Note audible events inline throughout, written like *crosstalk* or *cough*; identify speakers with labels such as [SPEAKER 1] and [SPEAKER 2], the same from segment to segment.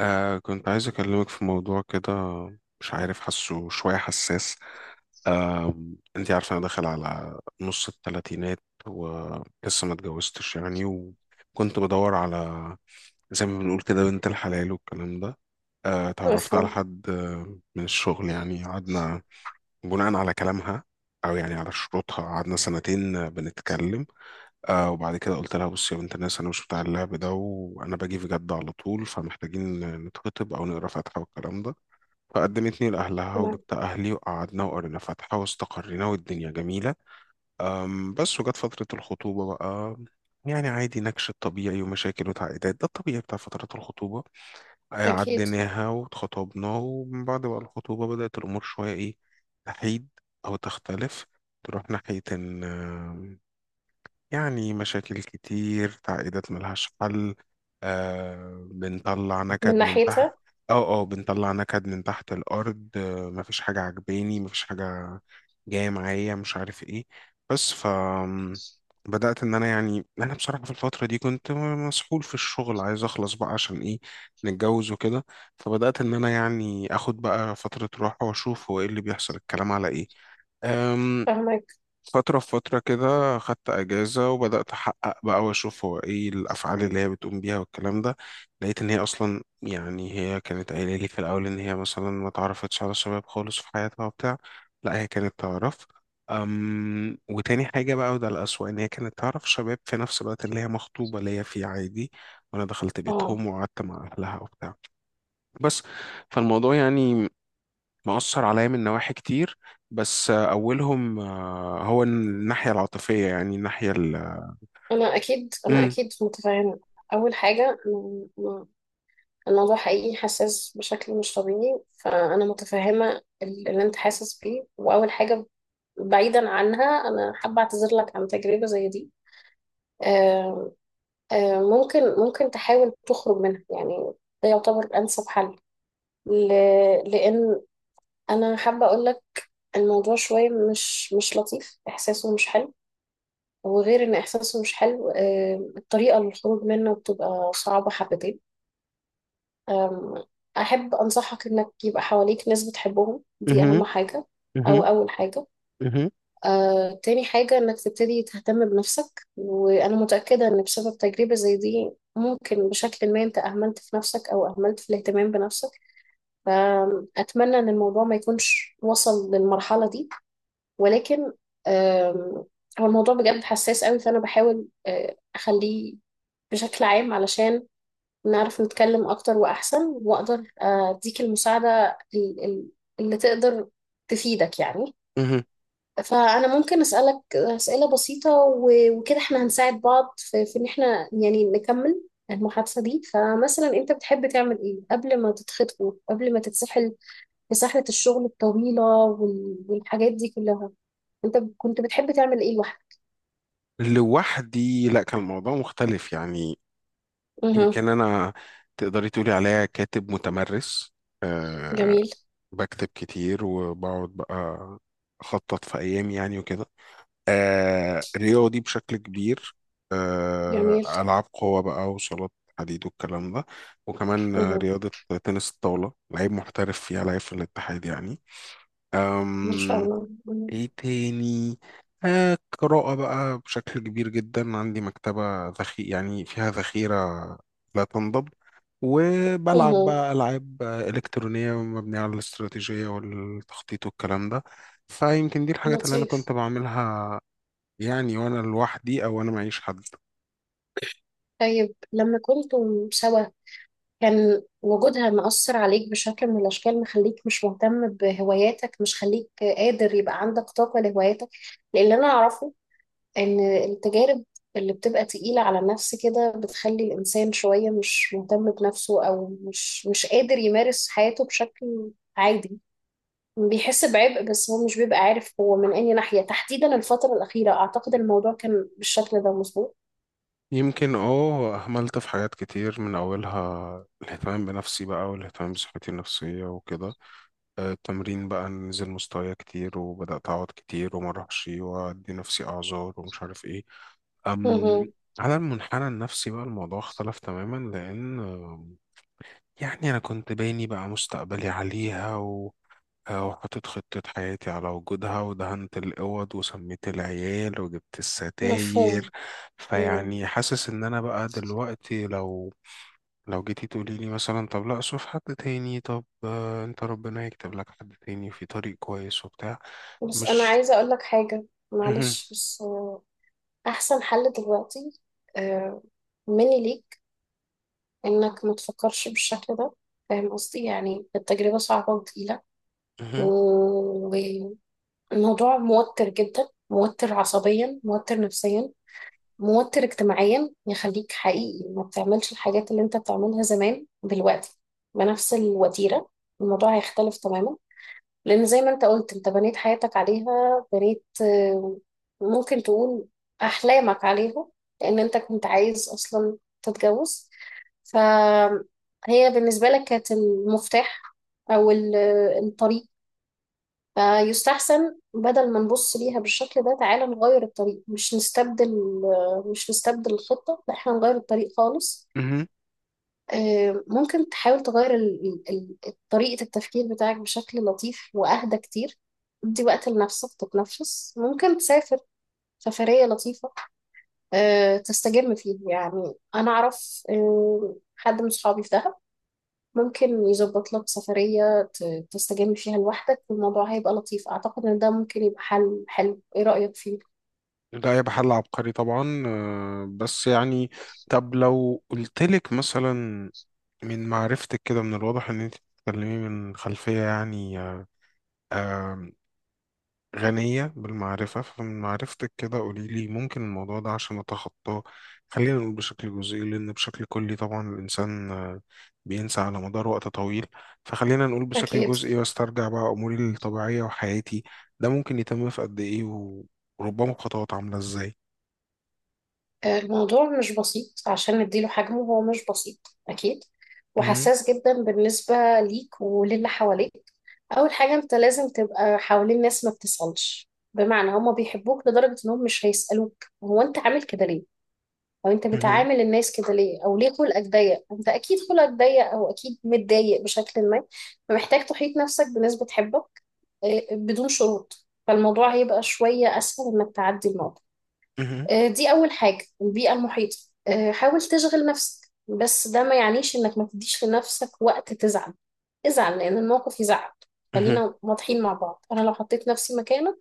[SPEAKER 1] كنت عايز أكلمك في موضوع كده. مش عارف، حاسه شوية حساس. آه أنتي عارفة أنا داخل على نص التلاتينات ولسه ما اتجوزتش يعني، وكنت بدور على زي ما بنقول كده بنت الحلال والكلام ده. اتعرفت على
[SPEAKER 2] مفهوم.
[SPEAKER 1] حد من الشغل، يعني قعدنا بناء على كلامها أو يعني على شروطها. قعدنا سنتين بنتكلم. وبعد كده قلت لها بصي يا بنت الناس، انا مش بتاع اللعب ده، وانا باجي في جد على طول، فمحتاجين نتخطب او نقرا فاتحه والكلام ده. فقدمتني لاهلها
[SPEAKER 2] تمام.
[SPEAKER 1] وجبت اهلي وقعدنا وقرينا فاتحه واستقرينا والدنيا جميله. بس وجت فتره الخطوبه بقى، يعني عادي نكش الطبيعي ومشاكل وتعقيدات، ده الطبيعي بتاع فترات الخطوبه.
[SPEAKER 2] أكيد.
[SPEAKER 1] عديناها واتخطبنا، ومن بعد بقى الخطوبه بدات الامور شويه ايه، تحيد او تختلف، تروح ناحيه ان يعني مشاكل كتير، تعقيدات ملهاش حل. آه بنطلع
[SPEAKER 2] من
[SPEAKER 1] نكد من تحت
[SPEAKER 2] ناحيتها.
[SPEAKER 1] اه بنطلع نكد من تحت الأرض. مفيش حاجة عجباني، مفيش حاجة جاية معايا، مش عارف ايه. بس بدأت إن أنا، يعني أنا بصراحة في الفترة دي كنت مسحول في الشغل، عايز أخلص بقى عشان إيه، نتجوز وكده. فبدأت إن أنا يعني آخد بقى فترة راحة وأشوف هو إيه اللي بيحصل، الكلام على إيه. أم،
[SPEAKER 2] فهمك.
[SPEAKER 1] فترة في فترة كده خدت أجازة وبدأت أحقق بقى وأشوف هو إيه الأفعال اللي هي بتقوم بيها والكلام ده. لقيت إن هي أصلا، يعني هي كانت قايلة لي في الأول إن هي مثلا ما تعرفتش على الشباب خالص في حياتها وبتاع. لا، هي كانت تعرف. وتاني حاجة بقى، وده الأسوأ، إن هي كانت تعرف شباب في نفس الوقت اللي هي مخطوبة ليا فيه عادي، وأنا دخلت
[SPEAKER 2] اه.
[SPEAKER 1] بيتهم وقعدت مع أهلها وبتاع. بس فالموضوع يعني مأثر عليا من نواحي كتير، بس أولهم هو الناحية العاطفية، يعني الناحية
[SPEAKER 2] أنا أكيد، أنا
[SPEAKER 1] مم.
[SPEAKER 2] أكيد متفاهمة. أول حاجة الموضوع حقيقي حساس بشكل مش طبيعي، فأنا متفهمة اللي أنت حاسس بيه. وأول حاجة بعيدا عنها، أنا حابة أعتذر لك عن تجربة زي دي. آه، ممكن تحاول تخرج منها يعني، ده يعتبر أنسب حل، لأن أنا حابة أقول لك الموضوع شوية مش لطيف، إحساسه مش حلو. وغير ان احساسه مش حلو، الطريقه للخروج منه بتبقى صعبه حبتين. آم، احب انصحك انك يبقى حواليك ناس بتحبهم، دي
[SPEAKER 1] مهم.
[SPEAKER 2] اهم حاجه او
[SPEAKER 1] مهم.
[SPEAKER 2] اول حاجه.
[SPEAKER 1] مهم.
[SPEAKER 2] تاني حاجه انك تبتدي تهتم بنفسك، وانا متاكده ان بسبب تجربه زي دي ممكن بشكل ما انت اهملت في نفسك او اهملت في الاهتمام بنفسك. فاتمنى ان الموضوع ما يكونش وصل للمرحله دي، ولكن آم، هو الموضوع بجد حساس قوي، فأنا بحاول أخليه بشكل عام علشان نعرف نتكلم أكتر وأحسن، وأقدر أديك المساعدة اللي تقدر تفيدك يعني.
[SPEAKER 1] مهم.
[SPEAKER 2] فأنا ممكن أسألك أسئلة بسيطة، وكده إحنا هنساعد بعض في إن إحنا يعني نكمل المحادثة دي. فمثلا أنت بتحب تعمل إيه قبل ما تتخطبوا، قبل ما تتسحل في سحلة الشغل الطويلة والحاجات دي كلها؟ انت كنت بتحب تعمل ايه لوحدك؟
[SPEAKER 1] لوحدي، لا، كان الموضوع مختلف يعني.
[SPEAKER 2] مه.
[SPEAKER 1] يمكن أنا، تقدري تقولي عليا كاتب متمرس. أه
[SPEAKER 2] جميل.
[SPEAKER 1] بكتب كتير وبقعد بقى أخطط في أيامي يعني وكده. رياضي بشكل كبير.
[SPEAKER 2] جميل.
[SPEAKER 1] ألعاب قوة بقى وصالات حديد والكلام ده. وكمان
[SPEAKER 2] مه.
[SPEAKER 1] رياضة تنس الطاولة، لعيب محترف فيها، لعيب في الاتحاد يعني.
[SPEAKER 2] ما شاء
[SPEAKER 1] أم
[SPEAKER 2] الله. مه.
[SPEAKER 1] إيه تاني؟ قراءة بقى بشكل كبير جدا، عندي مكتبة يعني فيها ذخيرة لا تنضب.
[SPEAKER 2] مه.
[SPEAKER 1] وبلعب بقى ألعاب إلكترونية مبنية على الاستراتيجية والتخطيط والكلام ده. فيمكن دي الحاجات اللي أنا
[SPEAKER 2] لطيف.
[SPEAKER 1] كنت بعملها يعني، وانا لوحدي او انا معيش حد.
[SPEAKER 2] طيب لما كنتم سوا كان وجودها مأثر عليك بشكل من الأشكال، مخليك مش مهتم بهواياتك، مش خليك قادر يبقى عندك طاقة لهواياتك؟ لأن أنا أعرفه إن التجارب اللي بتبقى تقيلة على النفس كده بتخلي الإنسان شوية مش مهتم بنفسه، أو مش قادر يمارس حياته بشكل عادي. بيحس بعبء بس هو مش بيبقى عارف هو من أي ناحية تحديدا. الفترة الأخيرة أعتقد الموضوع كان بالشكل ده مظبوط.
[SPEAKER 1] يمكن اهملت في حاجات كتير، من اولها الاهتمام بنفسي بقى والاهتمام بصحتي النفسيه وكده. التمرين بقى نزل مستوايا كتير، وبدات اقعد كتير وما اروحش وادي نفسي اعذار ومش عارف ايه. أم
[SPEAKER 2] مهم.
[SPEAKER 1] على المنحنى النفسي بقى الموضوع اختلف تماما، لان يعني انا كنت باني بقى مستقبلي عليها وحطيت خطة حياتي على وجودها، ودهنت الأوض وسميت العيال وجبت
[SPEAKER 2] مفهوم.
[SPEAKER 1] الستاير.
[SPEAKER 2] مم.
[SPEAKER 1] فيعني حاسس إن أنا بقى دلوقتي، لو جيتي تقولي لي مثلا طب لا، شوف حد تاني، طب أنت ربنا يكتب لك حد تاني في طريق كويس وبتاع.
[SPEAKER 2] بس أنا
[SPEAKER 1] مش
[SPEAKER 2] عايزة أقول لك حاجة،
[SPEAKER 1] *clears throat* مهم.
[SPEAKER 2] معلش. بس أحسن حل دلوقتي آه، مني ليك إنك ما تفكرش بالشكل ده. فاهم قصدي؟ يعني التجربة صعبة وتقيلة،
[SPEAKER 1] مهم.
[SPEAKER 2] والموضوع موتر جدا، موتر عصبيا، موتر نفسيا، موتر اجتماعيا، يخليك حقيقي ما بتعملش الحاجات اللي انت بتعملها زمان دلوقتي بنفس الوتيرة. الموضوع هيختلف تماما، لأن زي ما انت قلت انت بنيت حياتك عليها، بنيت ممكن تقول أحلامك عليها، لأن انت كنت عايز أصلا تتجوز، فهي بالنسبة لك كانت المفتاح أو ال- الطريق. فيستحسن بدل ما نبص ليها بالشكل ده، تعالى نغير الطريق، مش نستبدل. مش نستبدل الخطة، لا احنا نغير الطريق خالص.
[SPEAKER 1] مهم.
[SPEAKER 2] ممكن تحاول تغير طريقة التفكير بتاعك بشكل لطيف وأهدى كتير. ادي وقت لنفسك تتنفس، ممكن تسافر سفرية لطيفة تستجم فيها. يعني أنا أعرف حد من صحابي في دهب ممكن يظبط لك سفرية تستجم فيها لوحدك، والموضوع هيبقى لطيف. أعتقد إن ده ممكن يبقى حل حلو، إيه رأيك فيه؟
[SPEAKER 1] ده يبقى حل عبقري طبعا، بس يعني. طب لو قلتلك مثلا، من معرفتك كده، من الواضح ان انت بتتكلمي من خلفية يعني آه، غنية بالمعرفة. فمن معرفتك كده قولي لي، ممكن الموضوع ده عشان أتخطاه، خلينا نقول بشكل جزئي لأن بشكل كلي طبعا الإنسان بينسى على مدار وقت طويل، فخلينا نقول بشكل
[SPEAKER 2] أكيد.
[SPEAKER 1] جزئي وأسترجع بقى أموري الطبيعية وحياتي، ده ممكن يتم في قد إيه، وربما بخطوات عاملة إزاي؟
[SPEAKER 2] الموضوع مش بسيط عشان نديله حجمه، هو مش بسيط أكيد،
[SPEAKER 1] مهم،
[SPEAKER 2] وحساس جدا بالنسبة ليك وللي حواليك. أول حاجة، أنت لازم تبقى حوالين ناس ما بتسألش، بمعنى هما بيحبوك لدرجة إنهم مش هيسألوك هو أنت عامل كده ليه؟ او انت
[SPEAKER 1] مهم،
[SPEAKER 2] بتعامل الناس كده ليه؟ او ليه خلقك ضيق؟ انت اكيد خلقك ضيق، او اكيد متضايق بشكل ما. فمحتاج تحيط نفسك بناس بتحبك بدون شروط، فالموضوع هيبقى شوية اسهل انك تعدي الموضوع.
[SPEAKER 1] مهم،
[SPEAKER 2] دي اول حاجة، البيئة المحيطة. حاول تشغل نفسك، بس ده ما يعنيش انك ما تديش لنفسك وقت تزعل. ازعل لان الموقف يزعل.
[SPEAKER 1] مهم،
[SPEAKER 2] خلينا واضحين مع بعض، انا لو حطيت نفسي مكانك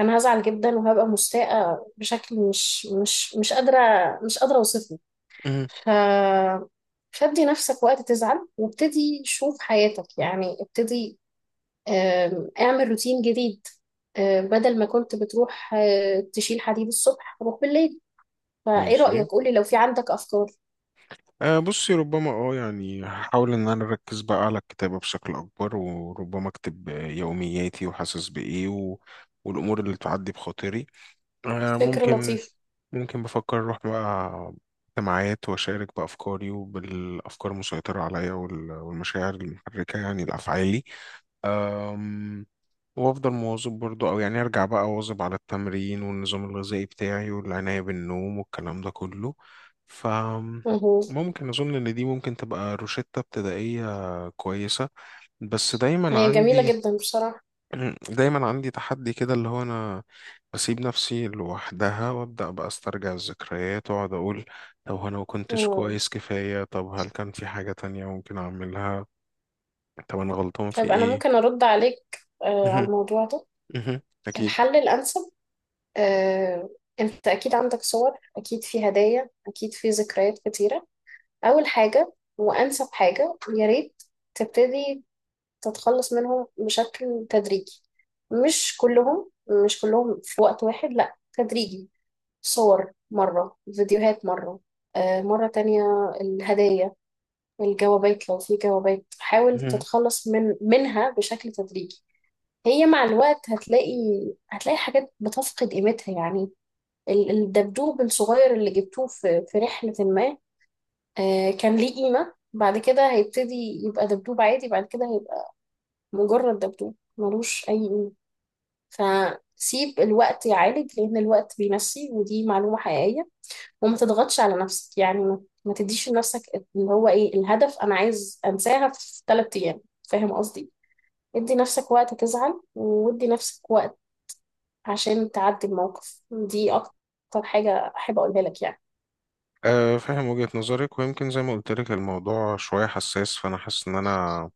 [SPEAKER 2] انا هزعل جدا، وهبقى مستاءة بشكل مش قادرة، مش قادرة اوصفه.
[SPEAKER 1] مهم.
[SPEAKER 2] ف فادي نفسك وقت تزعل، وابتدي شوف حياتك، يعني ابتدي اعمل روتين جديد. بدل ما كنت بتروح تشيل حديد الصبح، روح بالليل. فايه
[SPEAKER 1] ماشي.
[SPEAKER 2] رأيك؟ قولي لو في عندك افكار.
[SPEAKER 1] بصي، ربما يعني هحاول ان انا اركز بقى على الكتابة بشكل اكبر، وربما اكتب يومياتي وحاسس بايه والامور اللي تعدي بخاطري. أه
[SPEAKER 2] فكرة
[SPEAKER 1] ممكن
[SPEAKER 2] لطيفة.
[SPEAKER 1] ممكن بفكر اروح بقى اجتماعات واشارك بافكاري وبالافكار المسيطرة عليا والمشاعر المحركة يعني لافعالي. وافضل مواظب برضو، او يعني ارجع بقى اواظب على التمرين والنظام الغذائي بتاعي والعناية بالنوم والكلام ده كله. ف
[SPEAKER 2] مهو.
[SPEAKER 1] ممكن اظن ان دي ممكن تبقى روشتة ابتدائية كويسة. بس دايما
[SPEAKER 2] هي جميلة
[SPEAKER 1] عندي
[SPEAKER 2] جدا بصراحة.
[SPEAKER 1] *clears throat* دايما عندي تحدي كده، اللي هو انا بسيب نفسي لوحدها وابدا بقى استرجع الذكريات واقعد اقول طب هو انا ما كنتش
[SPEAKER 2] مم.
[SPEAKER 1] كويس كفاية؟ طب هل كان في حاجة تانية ممكن اعملها؟ طب انا غلطان في
[SPEAKER 2] طيب انا
[SPEAKER 1] ايه؟
[SPEAKER 2] ممكن ارد عليك على الموضوع ده.
[SPEAKER 1] *laughs* اكيد.
[SPEAKER 2] الحل الانسب آه، انت اكيد عندك صور، اكيد في هدايا، اكيد في ذكريات كتيرة. أول حاجة وأنسب حاجة، يا ريت تبتدي تتخلص منهم بشكل تدريجي. مش كلهم، مش كلهم في وقت واحد، لأ تدريجي. صور مرة، فيديوهات مرة آه مرة تانية، الهدايا، الجوابات لو في جوابات، حاول تتخلص منها بشكل تدريجي. هي مع الوقت هتلاقي، هتلاقي حاجات بتفقد قيمتها يعني. الدبدوب الصغير اللي جبتوه في رحلة ما كان ليه قيمة، بعد كده هيبتدي يبقى دبدوب عادي، بعد كده هيبقى مجرد دبدوب ملوش أي قيمة. فسيب الوقت يعالج، لأن الوقت بيمشي، ودي معلومة حقيقية. وما تضغطش على نفسك، يعني ما تديش لنفسك اللي هو إيه الهدف، أنا عايز أنساها في 3 أيام. فاهم قصدي؟ ادي نفسك وقت تزعل، وادي نفسك وقت عشان تعدي الموقف. دي أكتر حاجة أحب أقولها لك يعني.
[SPEAKER 1] فاهم وجهة نظرك، ويمكن زي ما قلت لك الموضوع شوية حساس، فأنا حاسس إن أنا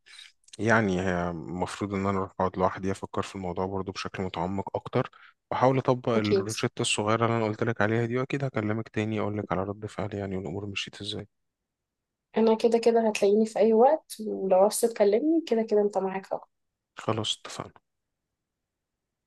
[SPEAKER 1] يعني هي المفروض إن أنا أروح أقعد لوحدي أفكر في الموضوع برضو بشكل متعمق أكتر، وأحاول أطبق
[SPEAKER 2] أكيد.
[SPEAKER 1] الروشتة الصغيرة اللي أنا قلت لك عليها دي، وأكيد هكلمك تاني أقول لك على رد فعلي يعني والأمور مشيت إزاي.
[SPEAKER 2] انا كده كده هتلاقيني في اي وقت، ولو عاوز تكلمني كده كده انت معاك.
[SPEAKER 1] خلاص، اتفقنا.